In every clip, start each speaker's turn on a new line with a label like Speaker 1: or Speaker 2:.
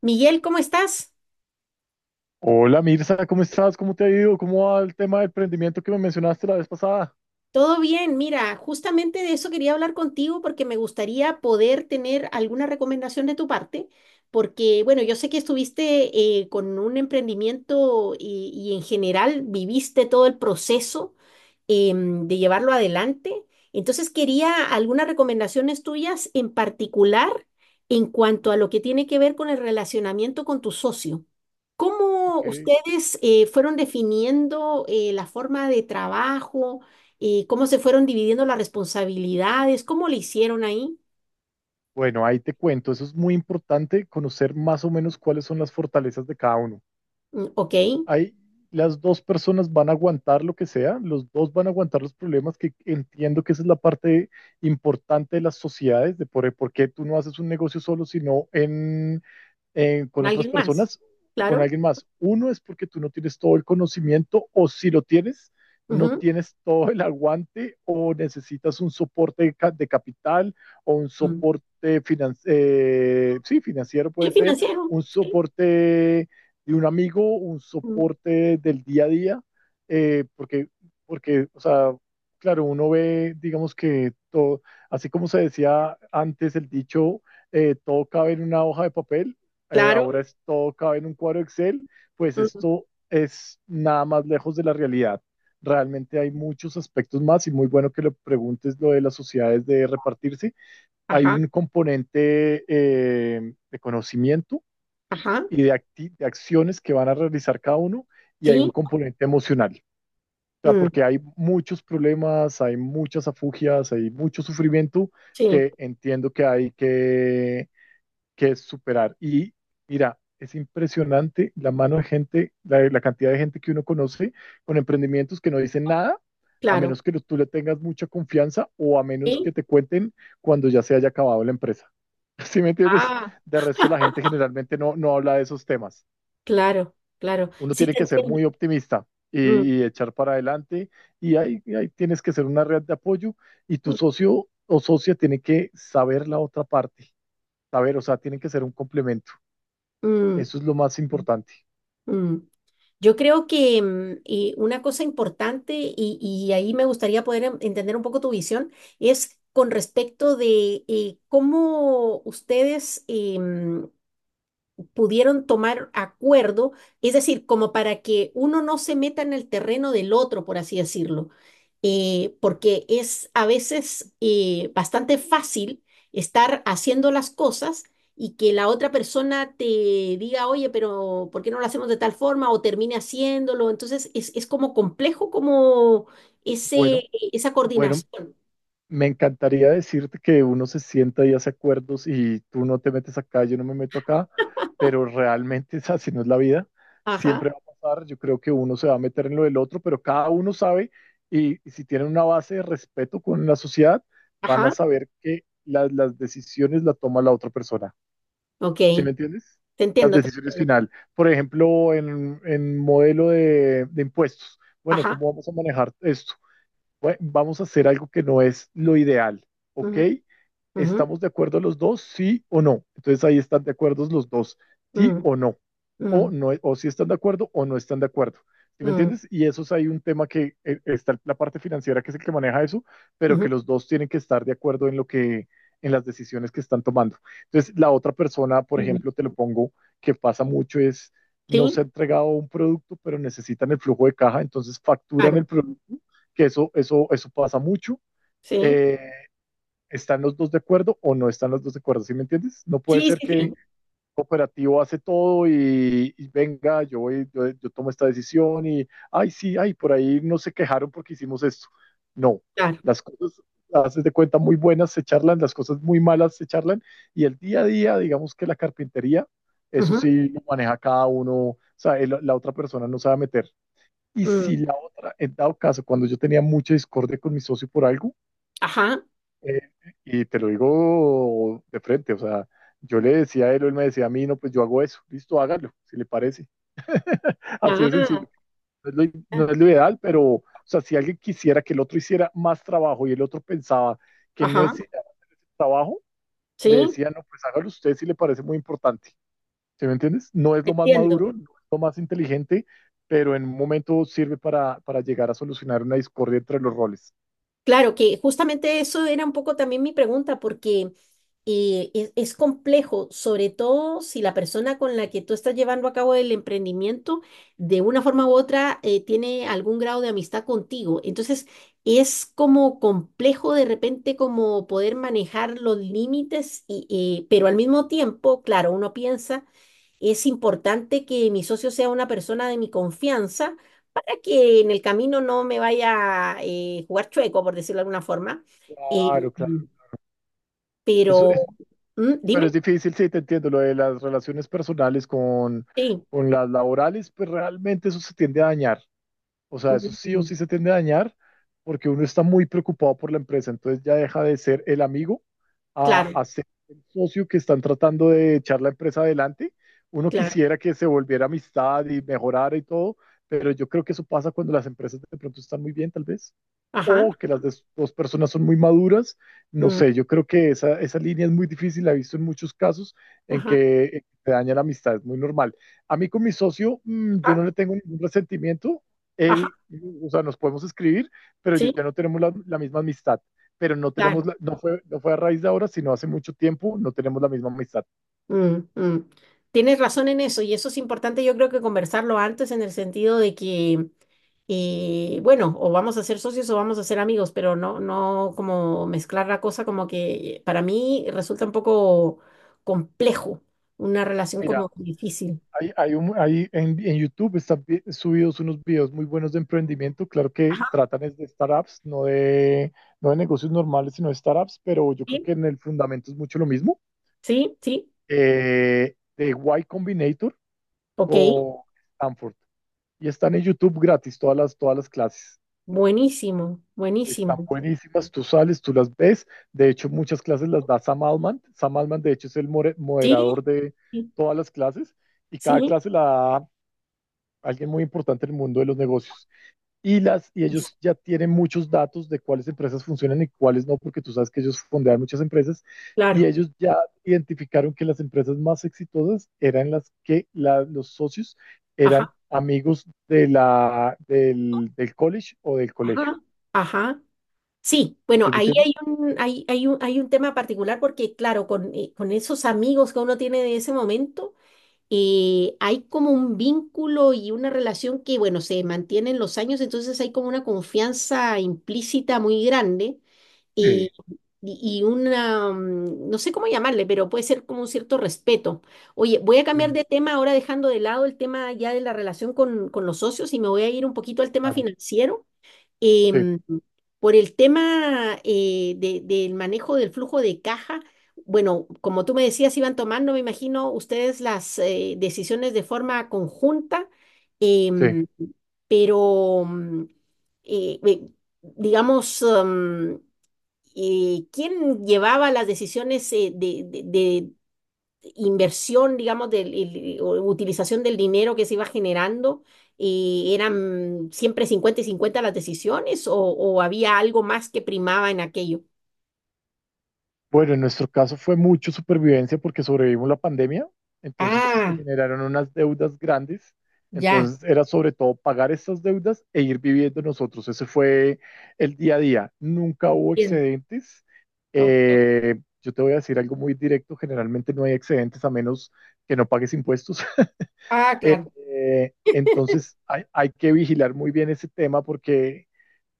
Speaker 1: Miguel, ¿cómo estás?
Speaker 2: Hola Mirza, ¿cómo estás? ¿Cómo te ha ido? ¿Cómo va el tema del emprendimiento que me mencionaste la vez pasada?
Speaker 1: Todo bien, mira, justamente de eso quería hablar contigo porque me gustaría poder tener alguna recomendación de tu parte, porque bueno, yo sé que estuviste con un emprendimiento y en general viviste todo el proceso de llevarlo adelante, entonces quería algunas recomendaciones tuyas en particular en cuanto a lo que tiene que ver con el relacionamiento con tu socio. ¿Cómo
Speaker 2: Ok.
Speaker 1: ustedes fueron definiendo la forma de trabajo? Cómo se fueron dividiendo las responsabilidades, cómo le hicieron ahí.
Speaker 2: Bueno, ahí te cuento. Eso es muy importante, conocer más o menos cuáles son las fortalezas de cada uno.
Speaker 1: Mm, ok.
Speaker 2: Ahí las dos personas van a aguantar lo que sea, los dos van a aguantar los problemas, que entiendo que esa es la parte importante de las sociedades, de por qué tú no haces un negocio solo, sino con
Speaker 1: Con
Speaker 2: otras
Speaker 1: alguien más,
Speaker 2: personas o con
Speaker 1: claro.
Speaker 2: alguien más. Uno es porque tú no tienes todo el conocimiento o si lo tienes, no
Speaker 1: Ujú.
Speaker 2: tienes todo el aguante o necesitas un soporte de, capital o un
Speaker 1: Mm.
Speaker 2: soporte finan sí, financiero,
Speaker 1: El
Speaker 2: puede ser,
Speaker 1: financiero,
Speaker 2: un
Speaker 1: sí.
Speaker 2: soporte de un amigo, un
Speaker 1: Mm,
Speaker 2: soporte del día a día, eh, porque, porque, o sea, claro, uno ve, digamos que todo, así como se decía antes el dicho, todo cabe en una hoja de papel, ahora
Speaker 1: claro,
Speaker 2: es, todo cabe en un cuadro Excel, pues
Speaker 1: mm,
Speaker 2: esto es nada más lejos de la realidad. Realmente hay muchos aspectos más y muy bueno que lo preguntes lo de las sociedades de repartirse. Hay
Speaker 1: ajá,
Speaker 2: un componente de conocimiento
Speaker 1: ajá,
Speaker 2: y de acciones que van a realizar cada uno y hay
Speaker 1: sí,
Speaker 2: un componente emocional. O sea,
Speaker 1: mm,
Speaker 2: porque hay muchos problemas, hay muchas afugias, hay mucho sufrimiento
Speaker 1: sí,
Speaker 2: que entiendo que hay que es superar. Y mira, es impresionante la mano de gente, la cantidad de gente que uno conoce con emprendimientos que no dicen nada, a
Speaker 1: claro,
Speaker 2: menos que tú le tengas mucha confianza o a menos
Speaker 1: sí,
Speaker 2: que te cuenten cuando ya se haya acabado la empresa. ¿Sí me entiendes?
Speaker 1: ah,
Speaker 2: De resto, la gente generalmente no habla de esos temas.
Speaker 1: claro, claro,
Speaker 2: Uno
Speaker 1: sí
Speaker 2: tiene
Speaker 1: te
Speaker 2: que ser
Speaker 1: entiendo.
Speaker 2: muy optimista
Speaker 1: Mm,
Speaker 2: y echar para adelante y ahí tienes que ser una red de apoyo y tu
Speaker 1: mm,
Speaker 2: socio o socia tiene que saber la otra parte, saber, o sea, tienen que ser un complemento.
Speaker 1: mm,
Speaker 2: Eso es lo más importante.
Speaker 1: mm. Yo creo que una cosa importante, y ahí me gustaría poder entender un poco tu visión, es con respecto de cómo ustedes pudieron tomar acuerdo, es decir, como para que uno no se meta en el terreno del otro, por así decirlo, porque es a veces bastante fácil estar haciendo las cosas y que la otra persona te diga, oye, pero ¿por qué no lo hacemos de tal forma? O termine haciéndolo. Entonces, es como complejo como
Speaker 2: Bueno,
Speaker 1: esa
Speaker 2: bueno,
Speaker 1: coordinación.
Speaker 2: me encantaría decirte que uno se sienta y hace acuerdos y tú no te metes acá, yo no me meto acá, pero realmente es así no es la vida.
Speaker 1: Ajá,
Speaker 2: Siempre va a pasar, yo creo que uno se va a meter en lo del otro, pero cada uno sabe y si tienen una base de respeto con la sociedad, van a
Speaker 1: ajá,
Speaker 2: saber que las decisiones la toma la otra persona.
Speaker 1: ok,
Speaker 2: ¿Sí me entiendes? Las
Speaker 1: te
Speaker 2: decisiones
Speaker 1: entiendo.
Speaker 2: final. Por ejemplo, en modelo de impuestos. Bueno,
Speaker 1: Ajá.
Speaker 2: ¿cómo vamos a manejar esto? Bueno, vamos a hacer algo que no es lo ideal, ¿ok?
Speaker 1: Ujú, ujú,
Speaker 2: ¿Estamos de acuerdo los dos? Sí o no. Entonces ahí están de acuerdo los dos, sí
Speaker 1: mm,
Speaker 2: o no. O,
Speaker 1: mm,
Speaker 2: no, o si están de acuerdo o no están de acuerdo. ¿Sí me
Speaker 1: mm.
Speaker 2: entiendes? Y eso es ahí un tema que está la parte financiera que es el que maneja eso, pero
Speaker 1: Ujú,
Speaker 2: que los dos tienen que estar de acuerdo en lo que, en las decisiones que están tomando. Entonces, la otra persona, por
Speaker 1: ujú.
Speaker 2: ejemplo, te lo pongo, que pasa mucho es, no se
Speaker 1: Sí,
Speaker 2: ha entregado un producto, pero necesitan el flujo de caja, entonces facturan
Speaker 1: claro,
Speaker 2: el producto que eso pasa mucho.
Speaker 1: sí,
Speaker 2: Eh, ¿Están los dos de acuerdo o no están los dos de acuerdo? ¿Sí me entiendes? No puede ser
Speaker 1: sí,
Speaker 2: que el
Speaker 1: sí,
Speaker 2: operativo hace todo y venga, yo, voy, yo tomo esta decisión y, ay, sí, ay, por ahí no se quejaron porque hicimos esto. No,
Speaker 1: claro.
Speaker 2: las cosas haces de cuenta muy buenas se charlan, las cosas muy malas se charlan y el día a día, digamos que la carpintería, eso
Speaker 1: Ujú,
Speaker 2: sí lo maneja cada uno, o sea, la otra persona no se va a meter y
Speaker 1: mm,
Speaker 2: si la otra, en dado caso, cuando yo tenía mucha discordia con mi socio por algo,
Speaker 1: ajá,
Speaker 2: eh, y te lo digo de frente, o sea, yo le decía a él, o él me decía a mí, no, pues yo hago eso, listo, hágalo, si le parece. Así de
Speaker 1: ah,
Speaker 2: sencillo. No es lo,
Speaker 1: ya,
Speaker 2: no es lo ideal, pero, o sea, si alguien quisiera que el otro hiciera más trabajo y el otro pensaba que no
Speaker 1: ajá,
Speaker 2: es trabajo, le
Speaker 1: sí,
Speaker 2: decía, no, pues hágalo usted si le parece muy importante. ¿Sí me entiendes? No es lo más
Speaker 1: entiendo.
Speaker 2: maduro, no es lo más inteligente, pero en un momento sirve para llegar a solucionar una discordia entre los roles.
Speaker 1: Claro que justamente eso era un poco también mi pregunta, porque es complejo, sobre todo si la persona con la que tú estás llevando a cabo el emprendimiento, de una forma u otra, tiene algún grado de amistad contigo. Entonces, es como complejo de repente como poder manejar los límites, pero al mismo tiempo, claro, uno piensa, es importante que mi socio sea una persona de mi confianza para que en el camino no me vaya a jugar chueco, por decirlo de alguna forma. Eh,
Speaker 2: Claro, claro. Eso
Speaker 1: pero,
Speaker 2: es,
Speaker 1: mm,
Speaker 2: pero es
Speaker 1: dime.
Speaker 2: difícil, sí, te entiendo. Lo de las relaciones personales con,
Speaker 1: Sí,
Speaker 2: con las laborales, pues realmente eso se tiende a dañar. O sea, eso sí o
Speaker 1: mm,
Speaker 2: sí se tiende a dañar porque uno está muy preocupado por la empresa, entonces ya deja de ser el amigo
Speaker 1: claro,
Speaker 2: a ser el socio que están tratando de echar la empresa adelante. Uno
Speaker 1: claro,
Speaker 2: quisiera que se volviera amistad y mejorara y todo, pero yo creo que eso pasa cuando las empresas de pronto están muy bien, tal vez
Speaker 1: ajá,
Speaker 2: o que las dos personas son muy maduras. No
Speaker 1: mm,
Speaker 2: sé, yo creo que esa línea es muy difícil, la he visto en muchos casos en
Speaker 1: ajá,
Speaker 2: que te daña la amistad, es muy normal. A mí con mi socio, yo
Speaker 1: ajá,
Speaker 2: no le tengo ningún resentimiento,
Speaker 1: ajá,
Speaker 2: él, o sea, nos podemos escribir, pero
Speaker 1: sí,
Speaker 2: ya no tenemos la misma amistad, pero no tenemos,
Speaker 1: claro.
Speaker 2: no fue, a raíz de ahora, sino hace mucho tiempo, no tenemos la misma amistad.
Speaker 1: Mm, mm. Tienes razón en eso y eso es importante, yo creo que conversarlo antes en el sentido de que, bueno, o vamos a ser socios o vamos a ser amigos, pero no como mezclar la cosa como que para mí resulta un poco complejo, una relación
Speaker 2: Mira,
Speaker 1: como difícil.
Speaker 2: hay en YouTube están subidos unos videos muy buenos de emprendimiento. Claro que
Speaker 1: Ajá,
Speaker 2: tratan es de startups, no de negocios normales, sino de startups, pero yo creo
Speaker 1: sí,
Speaker 2: que en el fundamento es mucho lo mismo.
Speaker 1: sí,
Speaker 2: De Y Combinator
Speaker 1: ok,
Speaker 2: con Stanford. Y están en YouTube gratis todas las clases. Están
Speaker 1: buenísimo.
Speaker 2: buenísimas, tú sales, tú las ves. De hecho, muchas clases las da Sam Altman. Sam Altman, de hecho, es el
Speaker 1: Sí,
Speaker 2: moderador de
Speaker 1: sí,
Speaker 2: todas las clases y cada
Speaker 1: sí,
Speaker 2: clase la da alguien muy importante en el mundo de los negocios. Y
Speaker 1: y s-
Speaker 2: ellos ya tienen muchos datos de cuáles empresas funcionan y cuáles no, porque tú sabes que ellos fondean muchas empresas y
Speaker 1: claro,
Speaker 2: ellos ya identificaron que las empresas más exitosas eran las que los socios eran
Speaker 1: ajá,
Speaker 2: amigos de del college o del colegio.
Speaker 1: ajá, ajá. Sí, bueno,
Speaker 2: ¿Se me
Speaker 1: ahí
Speaker 2: entiende?
Speaker 1: hay un tema particular porque, claro, con esos amigos que uno tiene de ese momento, hay como un vínculo y una relación que, bueno, se mantiene en los años, entonces hay como una confianza implícita muy grande eh,
Speaker 2: Sí,
Speaker 1: y una, mm, no sé cómo llamarle, pero puede ser como un cierto respeto. Oye, voy a
Speaker 2: sí,
Speaker 1: cambiar de tema ahora dejando de lado el tema ya de la relación con los socios y me voy a ir un poquito al tema
Speaker 2: claro.
Speaker 1: financiero.
Speaker 2: Sí,
Speaker 1: Em, por el tema del manejo del flujo de caja, bueno, como tú me decías, iban tomando, me imagino, ustedes las decisiones de forma conjunta,
Speaker 2: sí.
Speaker 1: em, pero, eh, eh, digamos, ¿quién llevaba las decisiones de inversión, digamos, o utilización del dinero que se iba generando, y eran siempre 50 y 50 las decisiones o había algo más que primaba en aquello?
Speaker 2: Bueno, en nuestro caso fue mucho supervivencia porque sobrevivimos la pandemia, entonces se
Speaker 1: Ah,
Speaker 2: generaron unas deudas grandes,
Speaker 1: ya,
Speaker 2: entonces era sobre todo pagar esas deudas e ir viviendo nosotros, ese fue el día a día, nunca hubo
Speaker 1: entiendo.
Speaker 2: excedentes.
Speaker 1: Ok.
Speaker 2: Yo te voy a decir algo muy directo, generalmente no hay excedentes a menos que no pagues impuestos.
Speaker 1: Ah,
Speaker 2: Eh,
Speaker 1: claro.
Speaker 2: entonces hay que vigilar muy bien ese tema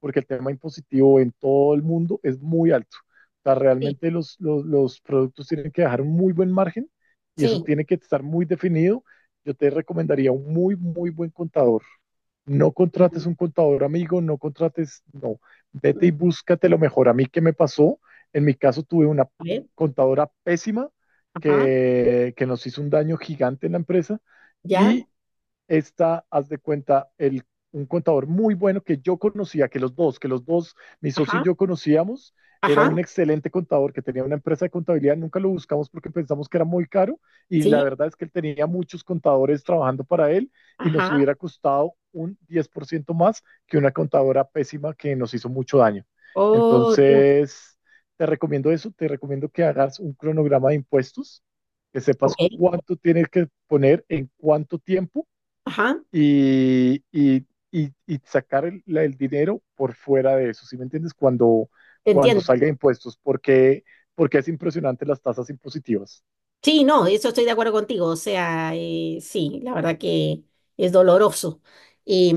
Speaker 2: porque el tema impositivo en todo el mundo es muy alto. O sea,
Speaker 1: Sí,
Speaker 2: realmente los productos tienen que dejar un muy buen margen y eso
Speaker 1: sí.
Speaker 2: tiene que estar muy definido. Yo te recomendaría un muy, muy buen contador. No contrates un contador amigo, no contrates, no. Vete y
Speaker 1: Mm,
Speaker 2: búscate lo mejor. A mí, ¿qué me pasó? En mi caso, tuve una
Speaker 1: a ver,
Speaker 2: contadora pésima
Speaker 1: ajá,
Speaker 2: que nos hizo un daño gigante en la empresa
Speaker 1: ya,
Speaker 2: y esta, haz de cuenta, el, un contador muy bueno que yo conocía, que los dos, mi socio y
Speaker 1: ajá,
Speaker 2: yo conocíamos, era
Speaker 1: ajá,
Speaker 2: un excelente contador que tenía una empresa de contabilidad, nunca lo buscamos porque pensamos que era muy caro y la
Speaker 1: sí,
Speaker 2: verdad es que él tenía muchos contadores trabajando para él y nos
Speaker 1: ajá.
Speaker 2: hubiera costado un 10% más que una contadora pésima que nos hizo mucho daño.
Speaker 1: Oh, Dios.
Speaker 2: Entonces, te recomiendo eso, te recomiendo que hagas un cronograma de impuestos, que sepas
Speaker 1: Ok,
Speaker 2: cuánto tienes que poner, en cuánto tiempo
Speaker 1: ajá,
Speaker 2: y sacar el, el dinero por fuera de eso, ¿sí me entiendes?
Speaker 1: te
Speaker 2: Cuando
Speaker 1: entiendo.
Speaker 2: salga de impuestos, porque es impresionante las tasas impositivas.
Speaker 1: Sí, no, eso estoy de acuerdo contigo. O sea, sí, la verdad que es doloroso.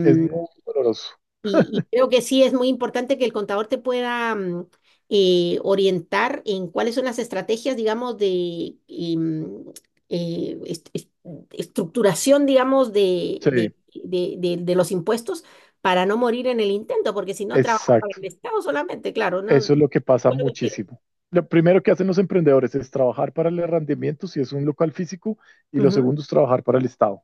Speaker 2: Es muy doloroso.
Speaker 1: Y creo que sí es muy importante que el contador te pueda orientar en cuáles son las estrategias, digamos, de y, mm, eh, est- est- estructuración, digamos,
Speaker 2: Sí,
Speaker 1: de los impuestos para no morir en el intento, porque si no trabajas para el
Speaker 2: exacto.
Speaker 1: Estado solamente, claro, no. De
Speaker 2: Eso es lo que pasa
Speaker 1: acuerdo contigo.
Speaker 2: muchísimo. Lo primero que hacen los emprendedores es trabajar para el arrendamiento, si es un local físico, y lo segundo es trabajar para el Estado.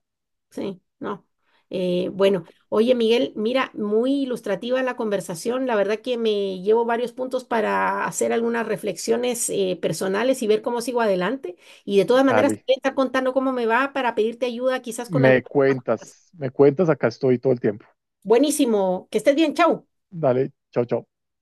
Speaker 1: Sí, no.
Speaker 2: Oh,
Speaker 1: Bueno, oye Miguel, mira, muy ilustrativa la conversación. La verdad que me llevo varios puntos para hacer algunas reflexiones personales y ver cómo sigo adelante. Y de todas maneras, te
Speaker 2: dale,
Speaker 1: voy a estar contando cómo me va para pedirte ayuda quizás con algunas cosas.
Speaker 2: me cuentas, acá estoy todo el tiempo.
Speaker 1: Buenísimo, que estés bien, chau.
Speaker 2: Dale, chao, chao.